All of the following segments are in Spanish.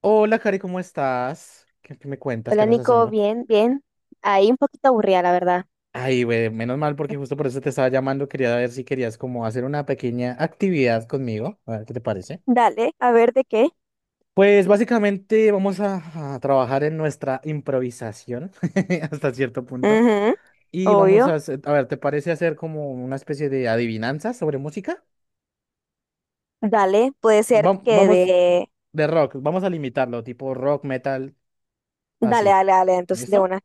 Hola, Cari, ¿cómo estás? ¿Qué me cuentas? ¿Qué Hola, andas Nico, haciendo? bien, bien. Ahí un poquito aburrida, la verdad. Ay, güey, menos mal porque justo por eso te estaba llamando. Quería ver si querías como hacer una pequeña actividad conmigo. A ver, ¿qué te parece? Dale, a ver de qué. Pues básicamente vamos a trabajar en nuestra improvisación hasta cierto punto. Ujú, Y vamos a obvio. hacer, a ver, ¿te parece hacer como una especie de adivinanza sobre música? Dale, puede ser Vam- que vamos de. de rock, vamos a limitarlo, tipo rock, metal, Dale, así. dale, dale, entonces de ¿Listo? una.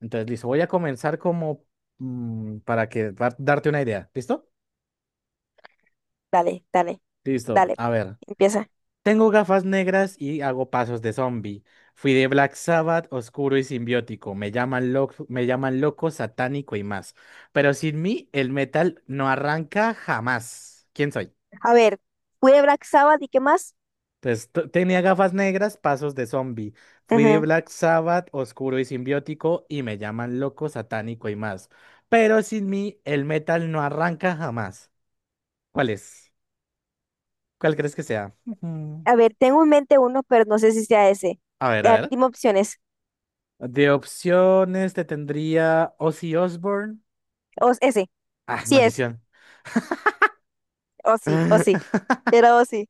Entonces, listo, voy a comenzar como darte una idea. ¿Listo? Dale, dale, Listo. dale. A ver. Empieza. Tengo gafas negras y hago pasos de zombie. Fui de Black Sabbath, oscuro y simbiótico. Me llaman loco, satánico y más. Pero sin mí, el metal no arranca jamás. ¿Quién soy? A ver, fui de Black Sabbath, ¿y qué más? Entonces, tenía gafas negras, pasos de zombie. Fui de Ujú. Black Sabbath, oscuro y simbiótico, y me llaman loco, satánico y más. Pero sin mí, el metal no arranca jamás. ¿Cuál es? ¿Cuál crees que sea? Ujú. A ver, tengo en mente uno, pero no sé si sea ese. A ver, a A ver, ver. dime opciones. De opciones te tendría Ozzy Osbourne. O ese, Ah, sí es, maldición. o sí, o sí. Era o sí.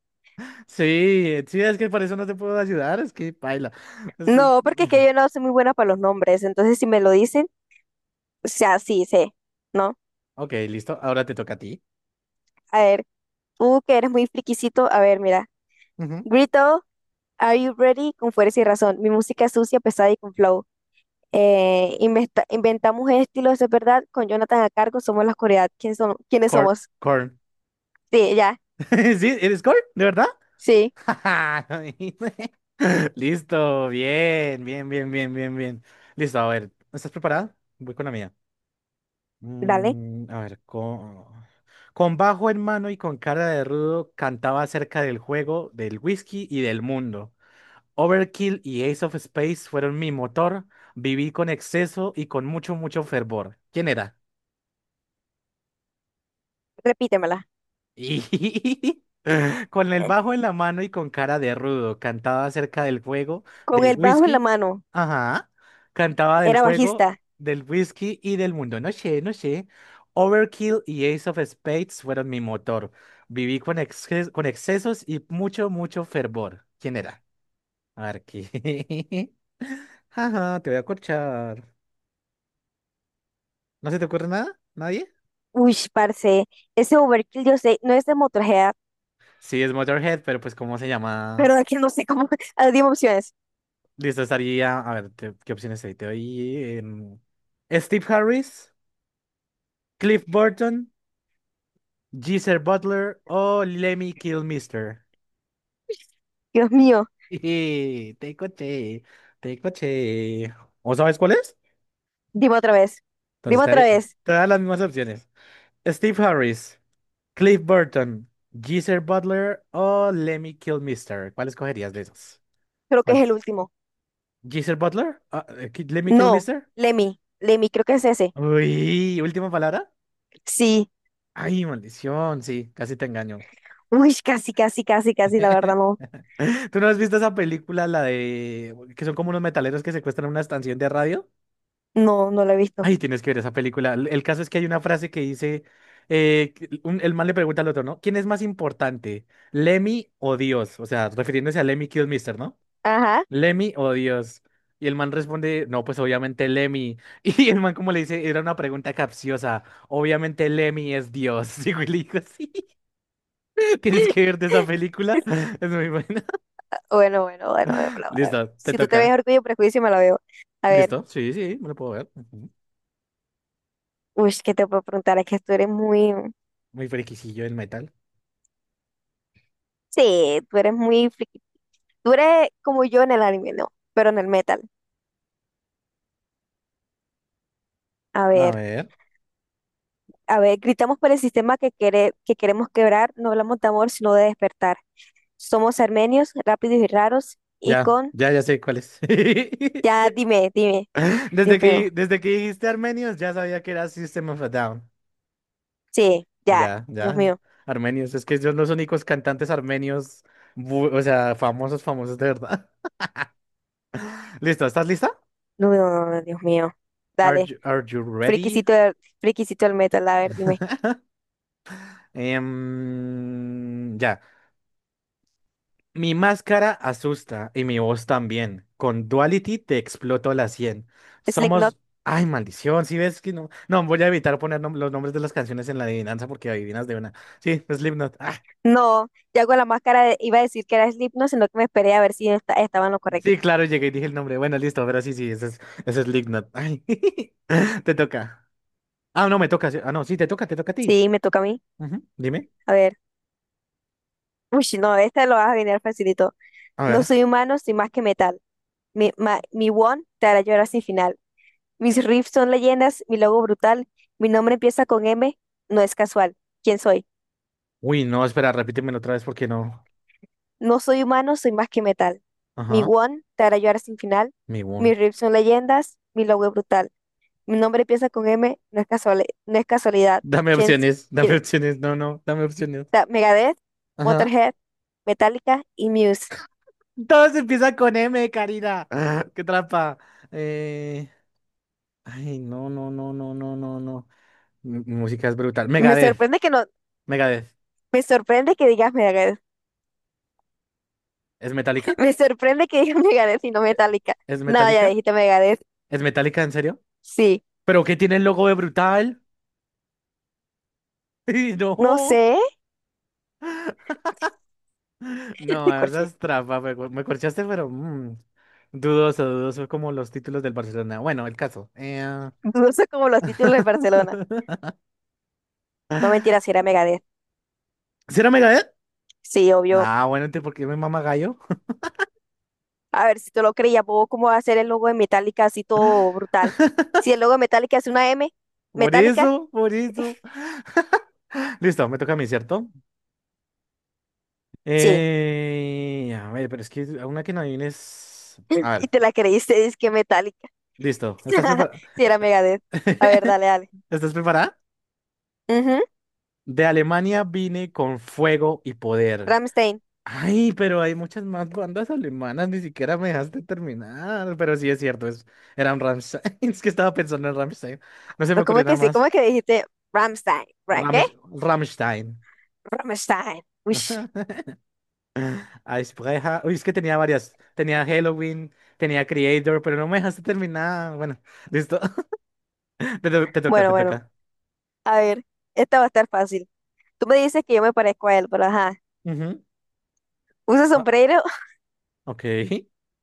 Sí, sí, es que por eso no te puedo ayudar, es que paila. Es- es- No, porque es que yo no soy muy buena para los nombres, entonces si me lo dicen, o sea, sí, sé, ¿no? Ok, listo. Ahora te toca a ti. A ver. Que eres muy friquisito. A ver, mira. Ujú. Grito, Are You Ready? Con fuerza y razón. Mi música es sucia, pesada y con flow. Inventamos estilos, es verdad. Con Jonathan a cargo somos la oscuridad. ¿Quiénes Corn. somos? Corn. Sí, ya. ¿Sí? ¿Eres Corn? ¿De verdad? Sí, Listo, bien, bien, bien, bien, bien, bien. Listo, a ver. ¿Estás preparada? Voy con la mía. dale. Mm, a ver, con bajo en mano y con cara de rudo cantaba acerca del juego, del whisky y del mundo. Overkill y Ace of Space fueron mi motor. Viví con exceso y con mucho, mucho fervor. ¿Quién era? Repítemela. Y con el bajo en la mano y con cara de rudo, cantaba acerca del juego, Con del el bajo en la whisky. mano. Ajá. Cantaba del Era juego, bajista. del whisky y del mundo. No sé, no sé. Overkill y Ace of Spades fueron mi motor. Viví con, con excesos y mucho, mucho fervor. ¿Quién era? A ver, ¿qué? Ajá, te voy a corchar. ¿No se te ocurre nada? ¿Nadie? Uy, parce. Ese overkill, yo sé, no es de Motorhead, Sí, es Motorhead, pero pues, ¿cómo se llama? pero de aquí no sé cómo. Ah, dime opciones. Listo, estaría. A ver, ¿qué opciones hay? Te doy. Steve Harris, Cliff Burton, Geezer Butler o Lemmy Kilmister. Dios mío. Jeje, te coché, te coché. ¿O sabes cuál es? Dime otra vez. Entonces Dime otra estaría, vez. te da las mismas opciones. Steve Harris, Cliff Burton, Geezer Butler o Lemmy Kilmister. ¿Cuál escogerías de esos? Creo que es ¿Cuál? el último. ¿Geezer Butler? Ah, ¿Lemmy No. Kilmister? Lemmy. Lemmy, creo que es ese. Uy, última palabra. Sí, Ay, maldición, sí, casi te engaño. uy, casi, casi, casi, casi, la verdad no, ¿Tú no has visto esa película, la de que son como unos metaleros que secuestran una estación de radio? no, no lo he visto. Ay, tienes que ver esa película. El caso es que hay una frase que dice, que el man le pregunta al otro, ¿no? ¿Quién es más importante, Lemmy o Dios? O sea, refiriéndose a Lemmy Mister, ¿no? Ajá, Lemmy o Dios. Y el man responde, no, pues obviamente Lemmy. Y el man como le dice, era una pregunta capciosa. Obviamente Lemmy es Dios. Y yo le digo, sí, tienes que verte esa película. Es muy buena. bueno, bueno, bueno, me la voy a ver. Listo, te Si tú te ves toca. Orgullo y Prejuicio, me la veo. A ver, ¿Listo? Sí, sí, me lo puedo ver. Ujú. uy, ¿qué te puedo preguntar? Es que tú eres muy, Muy friquisillo el metal. sí, tú eres muy friki. Tú eres como yo en el anime, no, pero en el metal. A A ver, ver. a ver, gritamos por el sistema que quiere, que queremos quebrar, no hablamos de amor, sino de despertar. Somos armenios, rápidos y raros, y Ya, con, ya, ya sé cuál es. ya, dime, dime, Desde Dios mío, que, desde que dijiste armenios, ya sabía que era System of a Down. sí, ya, Ya, Dios ya. mío. Armenios, es que son los únicos cantantes armenios, o sea, famosos, famosos de verdad. ¿Listo? ¿Estás lista? No, no, no, no, Dios mío. Are Dale, you, are you ready? friquisito, friquisito del metal, a ver, dime. Ya. Mi máscara asusta y mi voz también. Con Duality te exploto la 100. Slipknot. Somos... Ay, maldición, si ves que no... No, voy a evitar poner los nombres de las canciones en la adivinanza porque adivinas de una. Sí, Slipknot. Ah, No, ya con la iba a decir que era Slipknot, sino que me esperé a ver si estaba en lo correcto. sí, claro, llegué y dije el nombre. Bueno, listo, pero sí, sí, ese es Slipknot. Ay, te toca. Ah, no, me toca. Sí. Ah, no, sí, te toca a ti. Sí, me toca a mí. Ujú, dime. A ver. Uy, no, esta lo vas a adivinar facilito. A No ver. soy humano, soy más que metal. Mi one te hará llorar sin final. Mis riffs son leyendas, mi logo brutal. Mi nombre empieza con M, no es casual. ¿Quién soy? Uy, no, espera, repítemelo otra vez porque no. No soy humano, soy más que metal. Mi Ajá, Won te hará llorar sin final. mi boom. Mis rips son leyendas, mi logo es brutal. Mi nombre empieza con M, no es casualidad. No es casualidad. Dame ¿Quién, s- opciones, dame quién- opciones. No, no, dame opciones. ta- ¿Megadeth, Motorhead, Metallica y Muse? Todos empiezan con M, Karina. Ah, qué trampa. Eh, Ay, no, no, no, no, no, no, no. Mi música es brutal. Me Megadeth. sorprende que no, Megadeth. me sorprende que digas Megadeth. ¿Es metálica? Me sorprende que digas Megadeth y no Metallica. ¿Es No, ya metálica? dijiste Megadeth. ¿Es metálica en serio? Sí, ¿Pero qué tiene el logo de brutal? ¡Ay, no no! sé, No, te esa corché. es trampa. Me corchaste, pero dudoso, dudoso como los títulos del Barcelona. Bueno, el caso. Dudoso como los títulos de Barcelona. No mentiras, si era Megadeth. ¿Sí era Megadeth? Sí, obvio. Ah, bueno, entonces, ¿por qué me mama gallo? A ver si te lo creía, puedo cómo va a ser el logo de Metallica así todo brutal. Si el logo de Metallica es una M, Por Metallica, eso, por eso. Listo, me toca a mí, ¿cierto? sí. A ver, pero es que a una que no adivines. A Y ver, te la creíste, es que Metallica. listo. ¿Estás preparada? Si era Megadeth. A ver, dale, dale. ¿Estás preparada? Ujú, De Alemania vine con fuego y poder. Rammstein. Ay, pero hay muchas más bandas alemanas, ni siquiera me dejaste terminar. Pero sí es cierto, era un Rammstein. Es que estaba pensando en Rammstein. No se me ¿Cómo ocurrió es nada que sí? más. ¿Cómo es que dijiste Rammstein? ¿Qué? Rammstein. Rammstein. Uish. Eisbrecher. Uy, es que tenía varias. Tenía Halloween, tenía Creator, pero no me dejaste terminar. Bueno, listo. Te toca, Bueno, te bueno. toca. A ver, esta va a estar fácil. Tú me dices que yo me parezco a él, pero ajá. Ujú. Usa Ah, sombrero ok.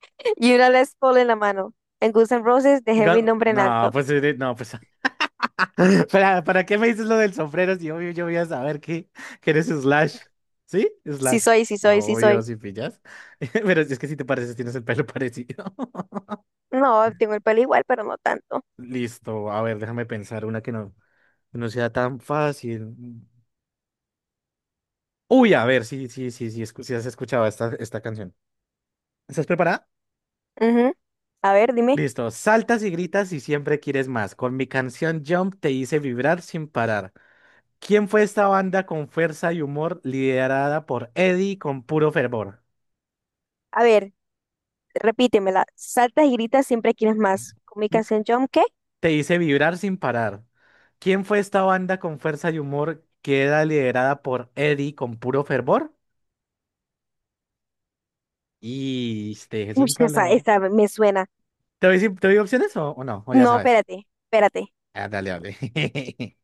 y una Les Paul en la mano. En Guns N' Roses dejé mi Gan- nombre en no, alto. pues, no, pues. ¿Para qué me dices lo del sombrero si obvio yo voy a saber que eres Slash? ¿Sí? Sí Slash. soy, sí soy, sí Obvio, soy. si pillas. Pero es que si te pareces, tienes el pelo parecido. No, tengo el pelo igual, pero no tanto. Listo, a ver, déjame pensar una que no sea tan fácil. Uy, a ver, sí, sí, sí, sí, sí has escuchado esta, canción. ¿Estás preparada? Ujú. A ver, dime. Listo, saltas y gritas y siempre quieres más. Con mi canción Jump te hice vibrar sin parar. ¿Quién fue esta banda con fuerza y humor liderada por Eddie con puro fervor? A ver, repítemela. Saltas y gritas, siempre quieres más. ¿Con mi Mm, canción Jump qué? te hice vibrar sin parar. ¿Quién fue esta banda con fuerza y humor que era liderada por Eddie con puro fervor? Y te dejé Uy, sin esa, palabra. esa me suena. ¿Te doy, te doy opciones o no? O ya No, sabes. espérate, espérate. Ah, dale, dale.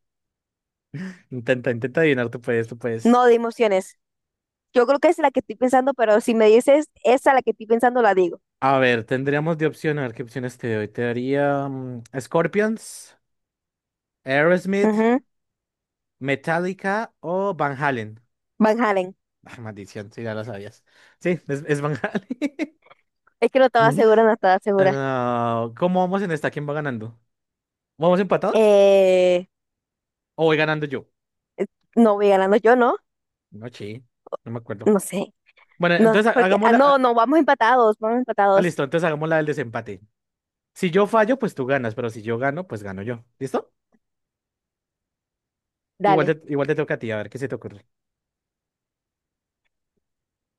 Intenta, intenta adivinar, tú puedes, tú puedes. No de emociones. Yo creo que es la que estoy pensando, pero si me dices esa la que estoy pensando, la digo. A ver, tendríamos de opción, a ver qué opciones te doy. Te daría mm, Scorpions, Aerosmith, Ujú. Metallica o Van Halen. Van Halen. Ah, maldición, si ya lo sabías. Sí, es Van Halen. Es que no estaba segura, no estaba segura. Ah, ¿cómo vamos en esta? ¿Quién va ganando? ¿Vamos empatados? Eh, ¿O voy ganando yo? no voy ganando yo, ¿no? No, sí, no me acuerdo. No sé. Bueno, No, entonces porque, ah, hagámosla. no, Ah, no, vamos empatados, vamos ah, empatados. listo, entonces hagámosla del desempate. Si yo fallo, pues tú ganas, pero si yo gano, pues gano yo. ¿Listo? Igual Dale. te, igual te toca a ti, a ver qué se te ocurre.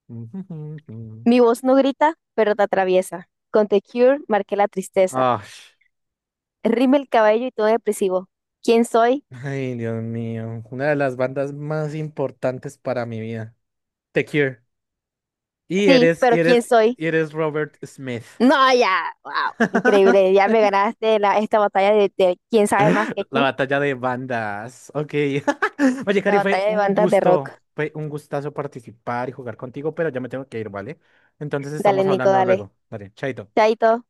Mi voz no grita, pero te atraviesa. Con The Cure marqué la tristeza. Ah, Rime el cabello y todo depresivo. ¿Quién soy? ay, Dios mío, una de las bandas más importantes para mi vida. The Cure. Y Sí, eres, y pero eres, ¿quién soy? y eres Robert Smith. No, ya, wow, increíble. Ya me ganaste esta batalla de quién sabe más que La quién. batalla de bandas. Ok. Oye, La Cari, fue batalla de un bandas de rock. gusto, fue un gustazo participar y jugar contigo, pero ya me tengo que ir, ¿vale? Entonces Dale, estamos Nico, hablando dale. luego. Dale, chaito. Chaito.